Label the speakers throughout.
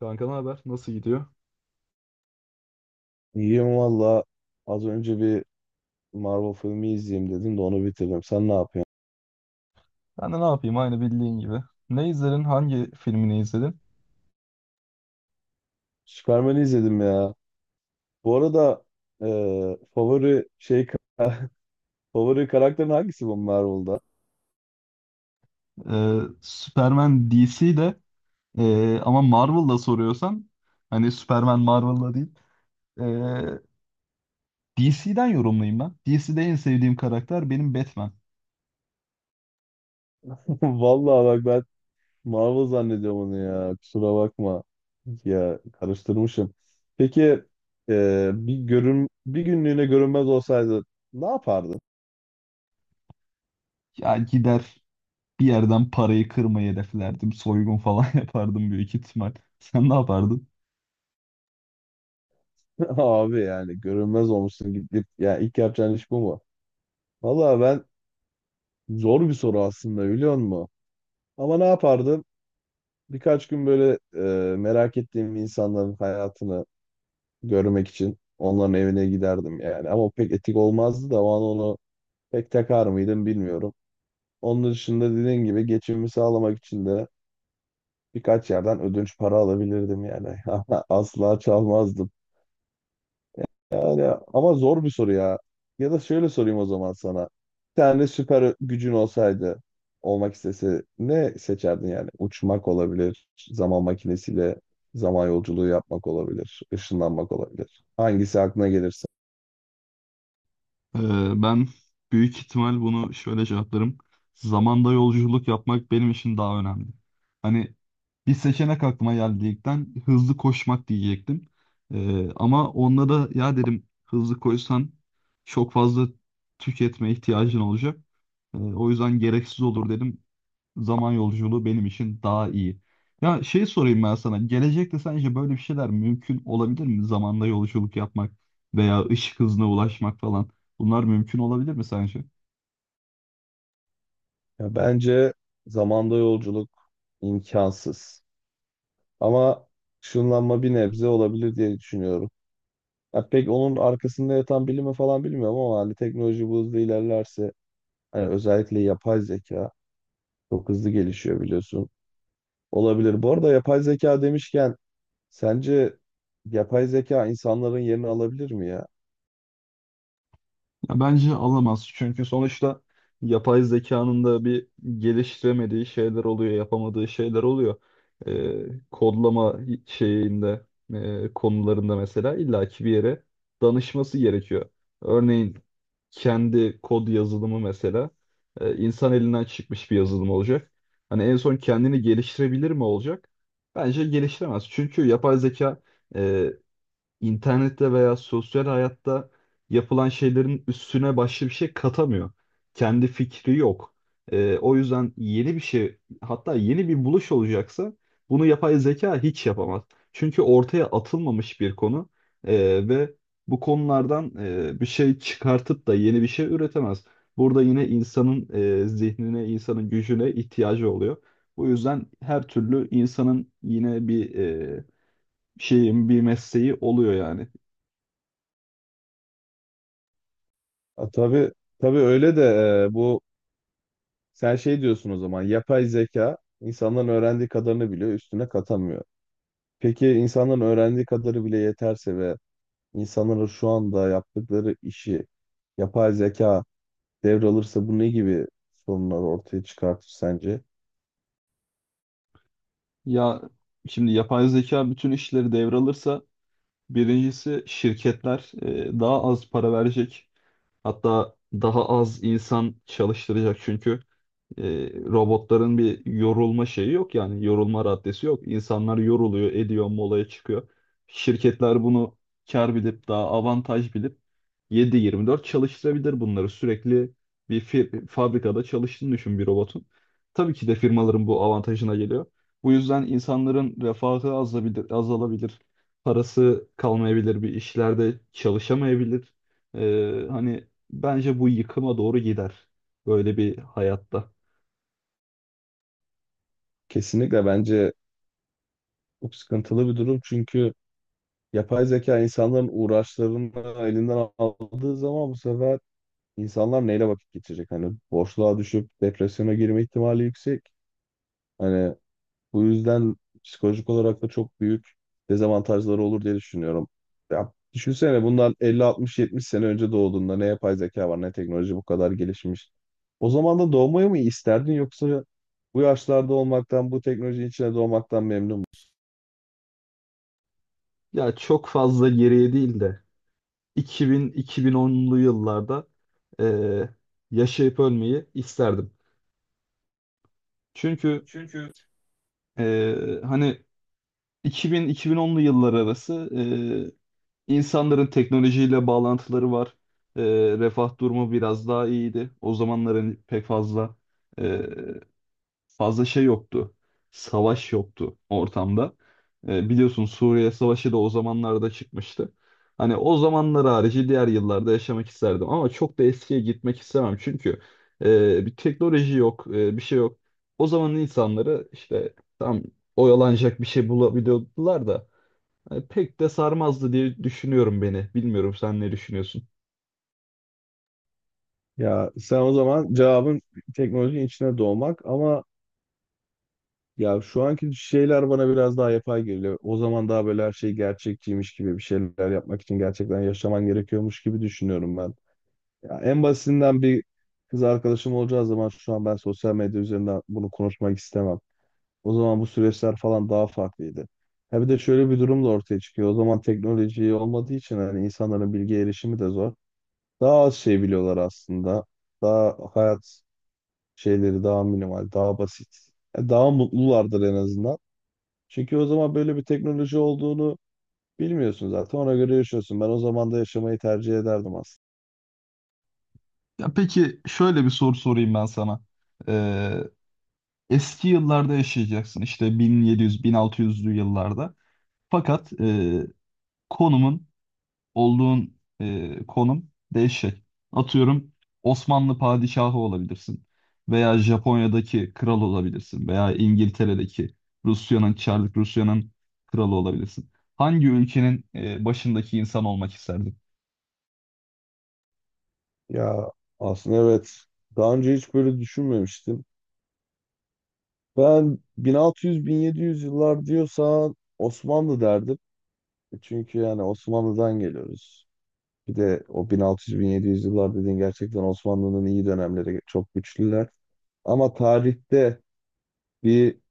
Speaker 1: Kanka ne haber? Nasıl gidiyor?
Speaker 2: İyiyim valla. Az önce bir Marvel filmi izleyeyim dedim de onu bitirdim. Sen ne yapıyorsun?
Speaker 1: Ben de ne yapayım aynı bildiğin gibi. Ne izledin? Hangi filmini izledin?
Speaker 2: Superman'i izledim ya. Bu arada, e, favori şey favori karakterin hangisi bu Marvel'da?
Speaker 1: Superman DC'de ama Marvel'da soruyorsan hani Superman Marvel'da değil. Ee, DC'den yorumlayayım ben. DC'de en sevdiğim karakter benim Batman.
Speaker 2: Vallahi bak, ben Marvel zannediyorum onu ya. Kusura bakma. Ya, karıştırmışım. Peki, bir günlüğüne görünmez olsaydı ne yapardın?
Speaker 1: Ya gider bir yerden parayı kırmayı hedeflerdim. Soygun falan yapardım büyük ihtimal. Sen ne yapardın?
Speaker 2: Abi yani görünmez olmuşsun, gidip ya ilk yapacağın iş bu mu? Valla, zor bir soru aslında, biliyor musun? Ama ne yapardım? Birkaç gün böyle merak ettiğim insanların hayatını görmek için onların evine giderdim yani. Ama o pek etik olmazdı da o an onu pek takar mıydım bilmiyorum. Onun dışında, dediğin gibi, geçimimi sağlamak için de birkaç yerden ödünç para alabilirdim yani. Ama asla çalmazdım. Yani, ama zor bir soru ya. Ya da şöyle sorayım o zaman sana. Bir tane süper gücün olsaydı, olmak istese ne seçerdin yani? Uçmak olabilir, zaman makinesiyle zaman yolculuğu yapmak olabilir, ışınlanmak olabilir. Hangisi aklına gelirse.
Speaker 1: Ben büyük ihtimal bunu şöyle cevaplarım. Zamanda yolculuk yapmak benim için daha önemli. Hani bir seçenek aklıma geldiğinden hızlı koşmak diyecektim. Ama onda da ya dedim hızlı koşsan çok fazla tüketme ihtiyacın olacak. O yüzden gereksiz olur dedim. Zaman yolculuğu benim için daha iyi. Ya şey sorayım ben sana. Gelecekte sence böyle bir şeyler mümkün olabilir mi? Zamanda yolculuk yapmak veya ışık hızına ulaşmak falan. Bunlar mümkün olabilir mi sence?
Speaker 2: Ya bence zamanda yolculuk imkansız. Ama ışınlanma bir nebze olabilir diye düşünüyorum. Ya pek onun arkasında yatan bilimi falan bilmiyorum, ama hani teknoloji bu hızla ilerlerse, hani özellikle yapay zeka çok hızlı gelişiyor, biliyorsun. Olabilir. Bu arada, yapay zeka demişken, sence yapay zeka insanların yerini alabilir mi ya?
Speaker 1: Ya bence alamaz. Çünkü sonuçta yapay zekanın da bir geliştiremediği şeyler oluyor, yapamadığı şeyler oluyor. Kodlama şeyinde, konularında mesela illaki bir yere danışması gerekiyor. Örneğin kendi kod yazılımı mesela insan elinden çıkmış bir yazılım olacak. Hani en son kendini geliştirebilir mi olacak? Bence geliştiremez. Çünkü yapay zeka e, internette veya sosyal hayatta yapılan şeylerin üstüne başka bir şey katamıyor. Kendi fikri yok. O yüzden yeni bir şey, hatta yeni bir buluş olacaksa bunu yapay zeka hiç yapamaz. Çünkü ortaya atılmamış bir konu ve bu konulardan bir şey çıkartıp da yeni bir şey üretemez. Burada yine insanın zihnine, insanın gücüne ihtiyacı oluyor. Bu yüzden her türlü insanın yine bir şeyin, bir mesleği oluyor yani.
Speaker 2: A, tabii tabii, öyle de e, bu sen şey diyorsun, o zaman yapay zeka insanların öğrendiği kadarını biliyor, üstüne katamıyor. Peki insanların öğrendiği kadarı bile yeterse ve insanların şu anda yaptıkları işi yapay zeka devralırsa, bu ne gibi sorunlar ortaya çıkartır sence?
Speaker 1: Ya şimdi yapay zeka bütün işleri devralırsa birincisi şirketler daha az para verecek. Hatta daha az insan çalıştıracak çünkü. Robotların bir yorulma şeyi yok yani yorulma raddesi yok. İnsanlar yoruluyor, ediyor, molaya çıkıyor. Şirketler bunu kar bilip daha avantaj bilip 7/24 çalıştırabilir bunları. Sürekli bir fabrikada çalıştığını düşün bir robotun. Tabii ki de firmaların bu avantajına geliyor. Bu yüzden insanların refahı azalabilir. Parası kalmayabilir, bir işlerde çalışamayabilir. Hani bence bu yıkıma doğru gider böyle bir hayatta.
Speaker 2: Kesinlikle, bence çok sıkıntılı bir durum, çünkü yapay zeka insanların uğraşlarını elinden aldığı zaman, bu sefer insanlar neyle vakit geçirecek? Hani boşluğa düşüp depresyona girme ihtimali yüksek. Hani bu yüzden psikolojik olarak da çok büyük dezavantajları olur diye düşünüyorum. Ya düşünsene, bundan 50-60-70 sene önce doğduğunda ne yapay zeka var ne teknoloji bu kadar gelişmiş. O zaman da doğmayı mı isterdin, yoksa bu yaşlarda olmaktan, bu teknolojinin içine doğmaktan memnun musun?
Speaker 1: Ya çok fazla geriye değil de 2000-2010'lu yıllarda eee, yaşayıp ölmeyi isterdim. Çünkü
Speaker 2: Çünkü
Speaker 1: hani 2000-2010'lu yıllar arası insanların teknolojiyle bağlantıları var. Refah durumu biraz daha iyiydi. O zamanların pek fazla şey yoktu. Savaş yoktu ortamda. Biliyorsun Suriye Savaşı da o zamanlarda çıkmıştı. Hani o zamanlar harici diğer yıllarda yaşamak isterdim ama çok da eskiye gitmek istemem çünkü bir teknoloji yok, bir şey yok. O zamanın insanları işte tam oyalanacak bir şey bulabiliyordular da hani pek de sarmazdı diye düşünüyorum beni. Bilmiyorum sen ne düşünüyorsun?
Speaker 2: Ya sen, o zaman cevabın teknolojinin içine doğmak, ama ya şu anki şeyler bana biraz daha yapay geliyor. O zaman daha böyle her şey gerçekçiymiş gibi, bir şeyler yapmak için gerçekten yaşaman gerekiyormuş gibi düşünüyorum ben. Ya en basitinden, bir kız arkadaşım olacağı zaman şu an ben sosyal medya üzerinden bunu konuşmak istemem. O zaman bu süreçler falan daha farklıydı. Ha, bir de şöyle bir durum da ortaya çıkıyor. O zaman teknoloji olmadığı için hani insanların bilgi erişimi de zor. Daha az şey biliyorlar aslında. Daha hayat şeyleri daha minimal, daha basit. Ya, daha mutlulardır en azından. Çünkü o zaman böyle bir teknoloji olduğunu bilmiyorsun zaten. Ona göre yaşıyorsun. Ben o zaman da yaşamayı tercih ederdim aslında.
Speaker 1: Ya peki şöyle bir soru sorayım ben sana. Eski yıllarda yaşayacaksın işte 1700-1600'lü yıllarda. Fakat konumun konum değişecek. Atıyorum Osmanlı padişahı olabilirsin veya Japonya'daki kral olabilirsin veya İngiltere'deki Rusya'nın Çarlık Rusya'nın kralı olabilirsin. Hangi ülkenin başındaki insan olmak isterdin?
Speaker 2: Ya, aslında evet. Daha önce hiç böyle düşünmemiştim. Ben 1600-1700 yıllar diyorsan Osmanlı derdim. E, çünkü yani Osmanlı'dan geliyoruz. Bir de o 1600-1700 yıllar dediğin gerçekten Osmanlı'nın iyi dönemleri, çok güçlüler. Ama tarihte bir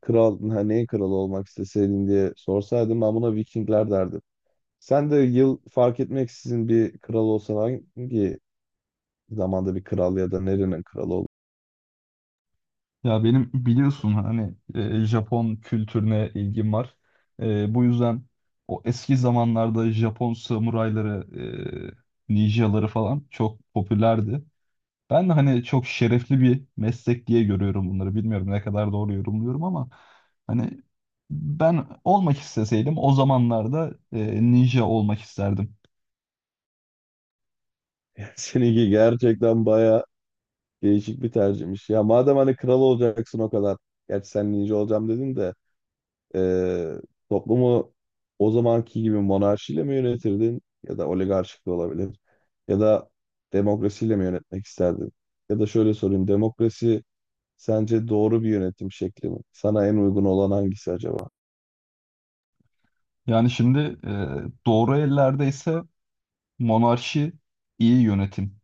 Speaker 2: kral, ha, neyin kralı olmak isteseydin diye sorsaydım, ben buna Vikingler derdim. Sen de yıl fark etmeksizin bir kral olsan, hangi zamanda bir kral ya da nerenin kralı olur?
Speaker 1: Ya benim biliyorsun hani Japon kültürüne ilgim var. Bu yüzden o eski zamanlarda Japon samurayları, ninjaları falan çok popülerdi. Ben de hani çok şerefli bir meslek diye görüyorum bunları. Bilmiyorum ne kadar doğru yorumluyorum ama hani ben olmak isteseydim o zamanlarda ninja olmak isterdim.
Speaker 2: Seninki gerçekten baya değişik bir tercihmiş. Ya madem hani kral olacaksın o kadar. Gerçi sen ninja olacağım dedin de eee, toplumu o zamanki gibi monarşiyle mi yönetirdin? Ya da oligarşik de olabilir. Ya da demokrasiyle mi yönetmek isterdin? Ya da şöyle sorayım. Demokrasi sence doğru bir yönetim şekli mi? Sana en uygun olan hangisi acaba?
Speaker 1: Yani şimdi doğru ellerde ise monarşi iyi yönetim.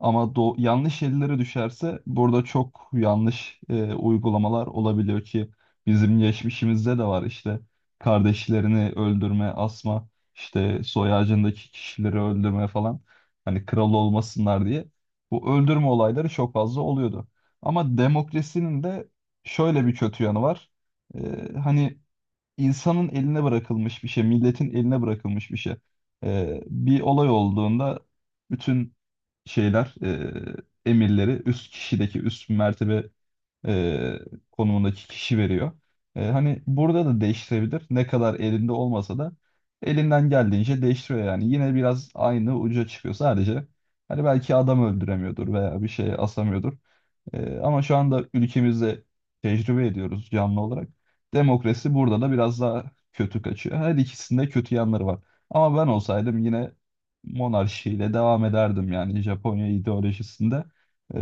Speaker 1: Ama yanlış ellere düşerse burada çok yanlış uygulamalar olabiliyor ki bizim geçmişimizde de var işte kardeşlerini öldürme, asma, işte soy ağacındaki kişileri öldürme falan. Hani kral olmasınlar diye bu öldürme olayları çok fazla oluyordu. Ama demokrasinin de şöyle bir kötü yanı var. E, hani insanın eline bırakılmış bir şey, milletin eline bırakılmış bir şey. Bir olay olduğunda bütün şeyler, emirleri üst kişideki üst mertebe e, konumundaki kişi veriyor. Hani burada da değiştirebilir. Ne kadar elinde olmasa da elinden geldiğince değiştiriyor yani. Yine biraz aynı uca çıkıyor sadece. Hani belki adam öldüremiyordur veya bir şey asamıyordur. Ama şu anda ülkemizde tecrübe ediyoruz canlı olarak. Demokrasi burada da biraz daha kötü kaçıyor. Her ikisinde kötü yanları var. Ama ben olsaydım yine monarşiyle devam ederdim yani Japonya ideolojisinde. Ee,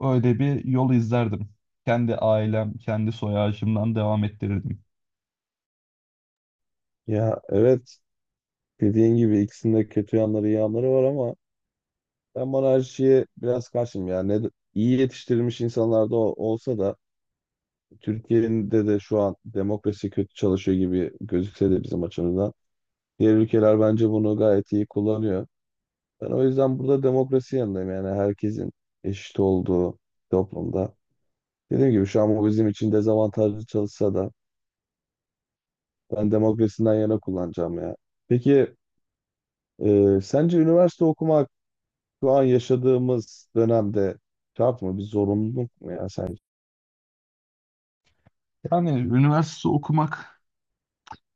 Speaker 1: öyle bir yol izlerdim. Kendi ailem, kendi soy ağacımdan devam ettirirdim.
Speaker 2: Ya evet, dediğin gibi ikisinde kötü yanları, iyi yanları var, ama ben monarşiye biraz karşıyım ya. Ne, iyi yetiştirilmiş insanlar da olsa da, Türkiye'de de şu an demokrasi kötü çalışıyor gibi gözükse de bizim açımızdan. Diğer ülkeler bence bunu gayet iyi kullanıyor. Ben o yüzden burada demokrasi yanındayım, yani herkesin eşit olduğu toplumda. Dediğim gibi şu an bu bizim için dezavantajlı çalışsa da, ben demokrasiden yana kullanacağım ya. Peki, sence üniversite okumak şu an yaşadığımız dönemde şart mı? Bir zorunluluk mu ya sence?
Speaker 1: Yani üniversite okumak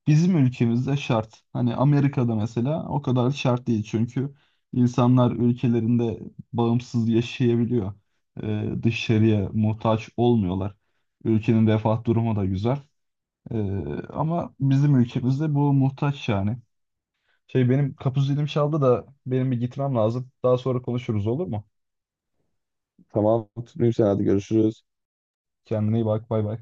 Speaker 1: bizim ülkemizde şart. Hani Amerika'da mesela o kadar şart değil çünkü insanlar ülkelerinde bağımsız yaşayabiliyor. Dışarıya muhtaç olmuyorlar. Ülkenin refah durumu da güzel. Ee, ama bizim ülkemizde bu muhtaç yani. Şey benim kapı zilim çaldı da benim bir gitmem lazım. Daha sonra konuşuruz olur mu?
Speaker 2: Tamam, tutmayayım, sen hadi görüşürüz.
Speaker 1: Kendine iyi bak, bay bay.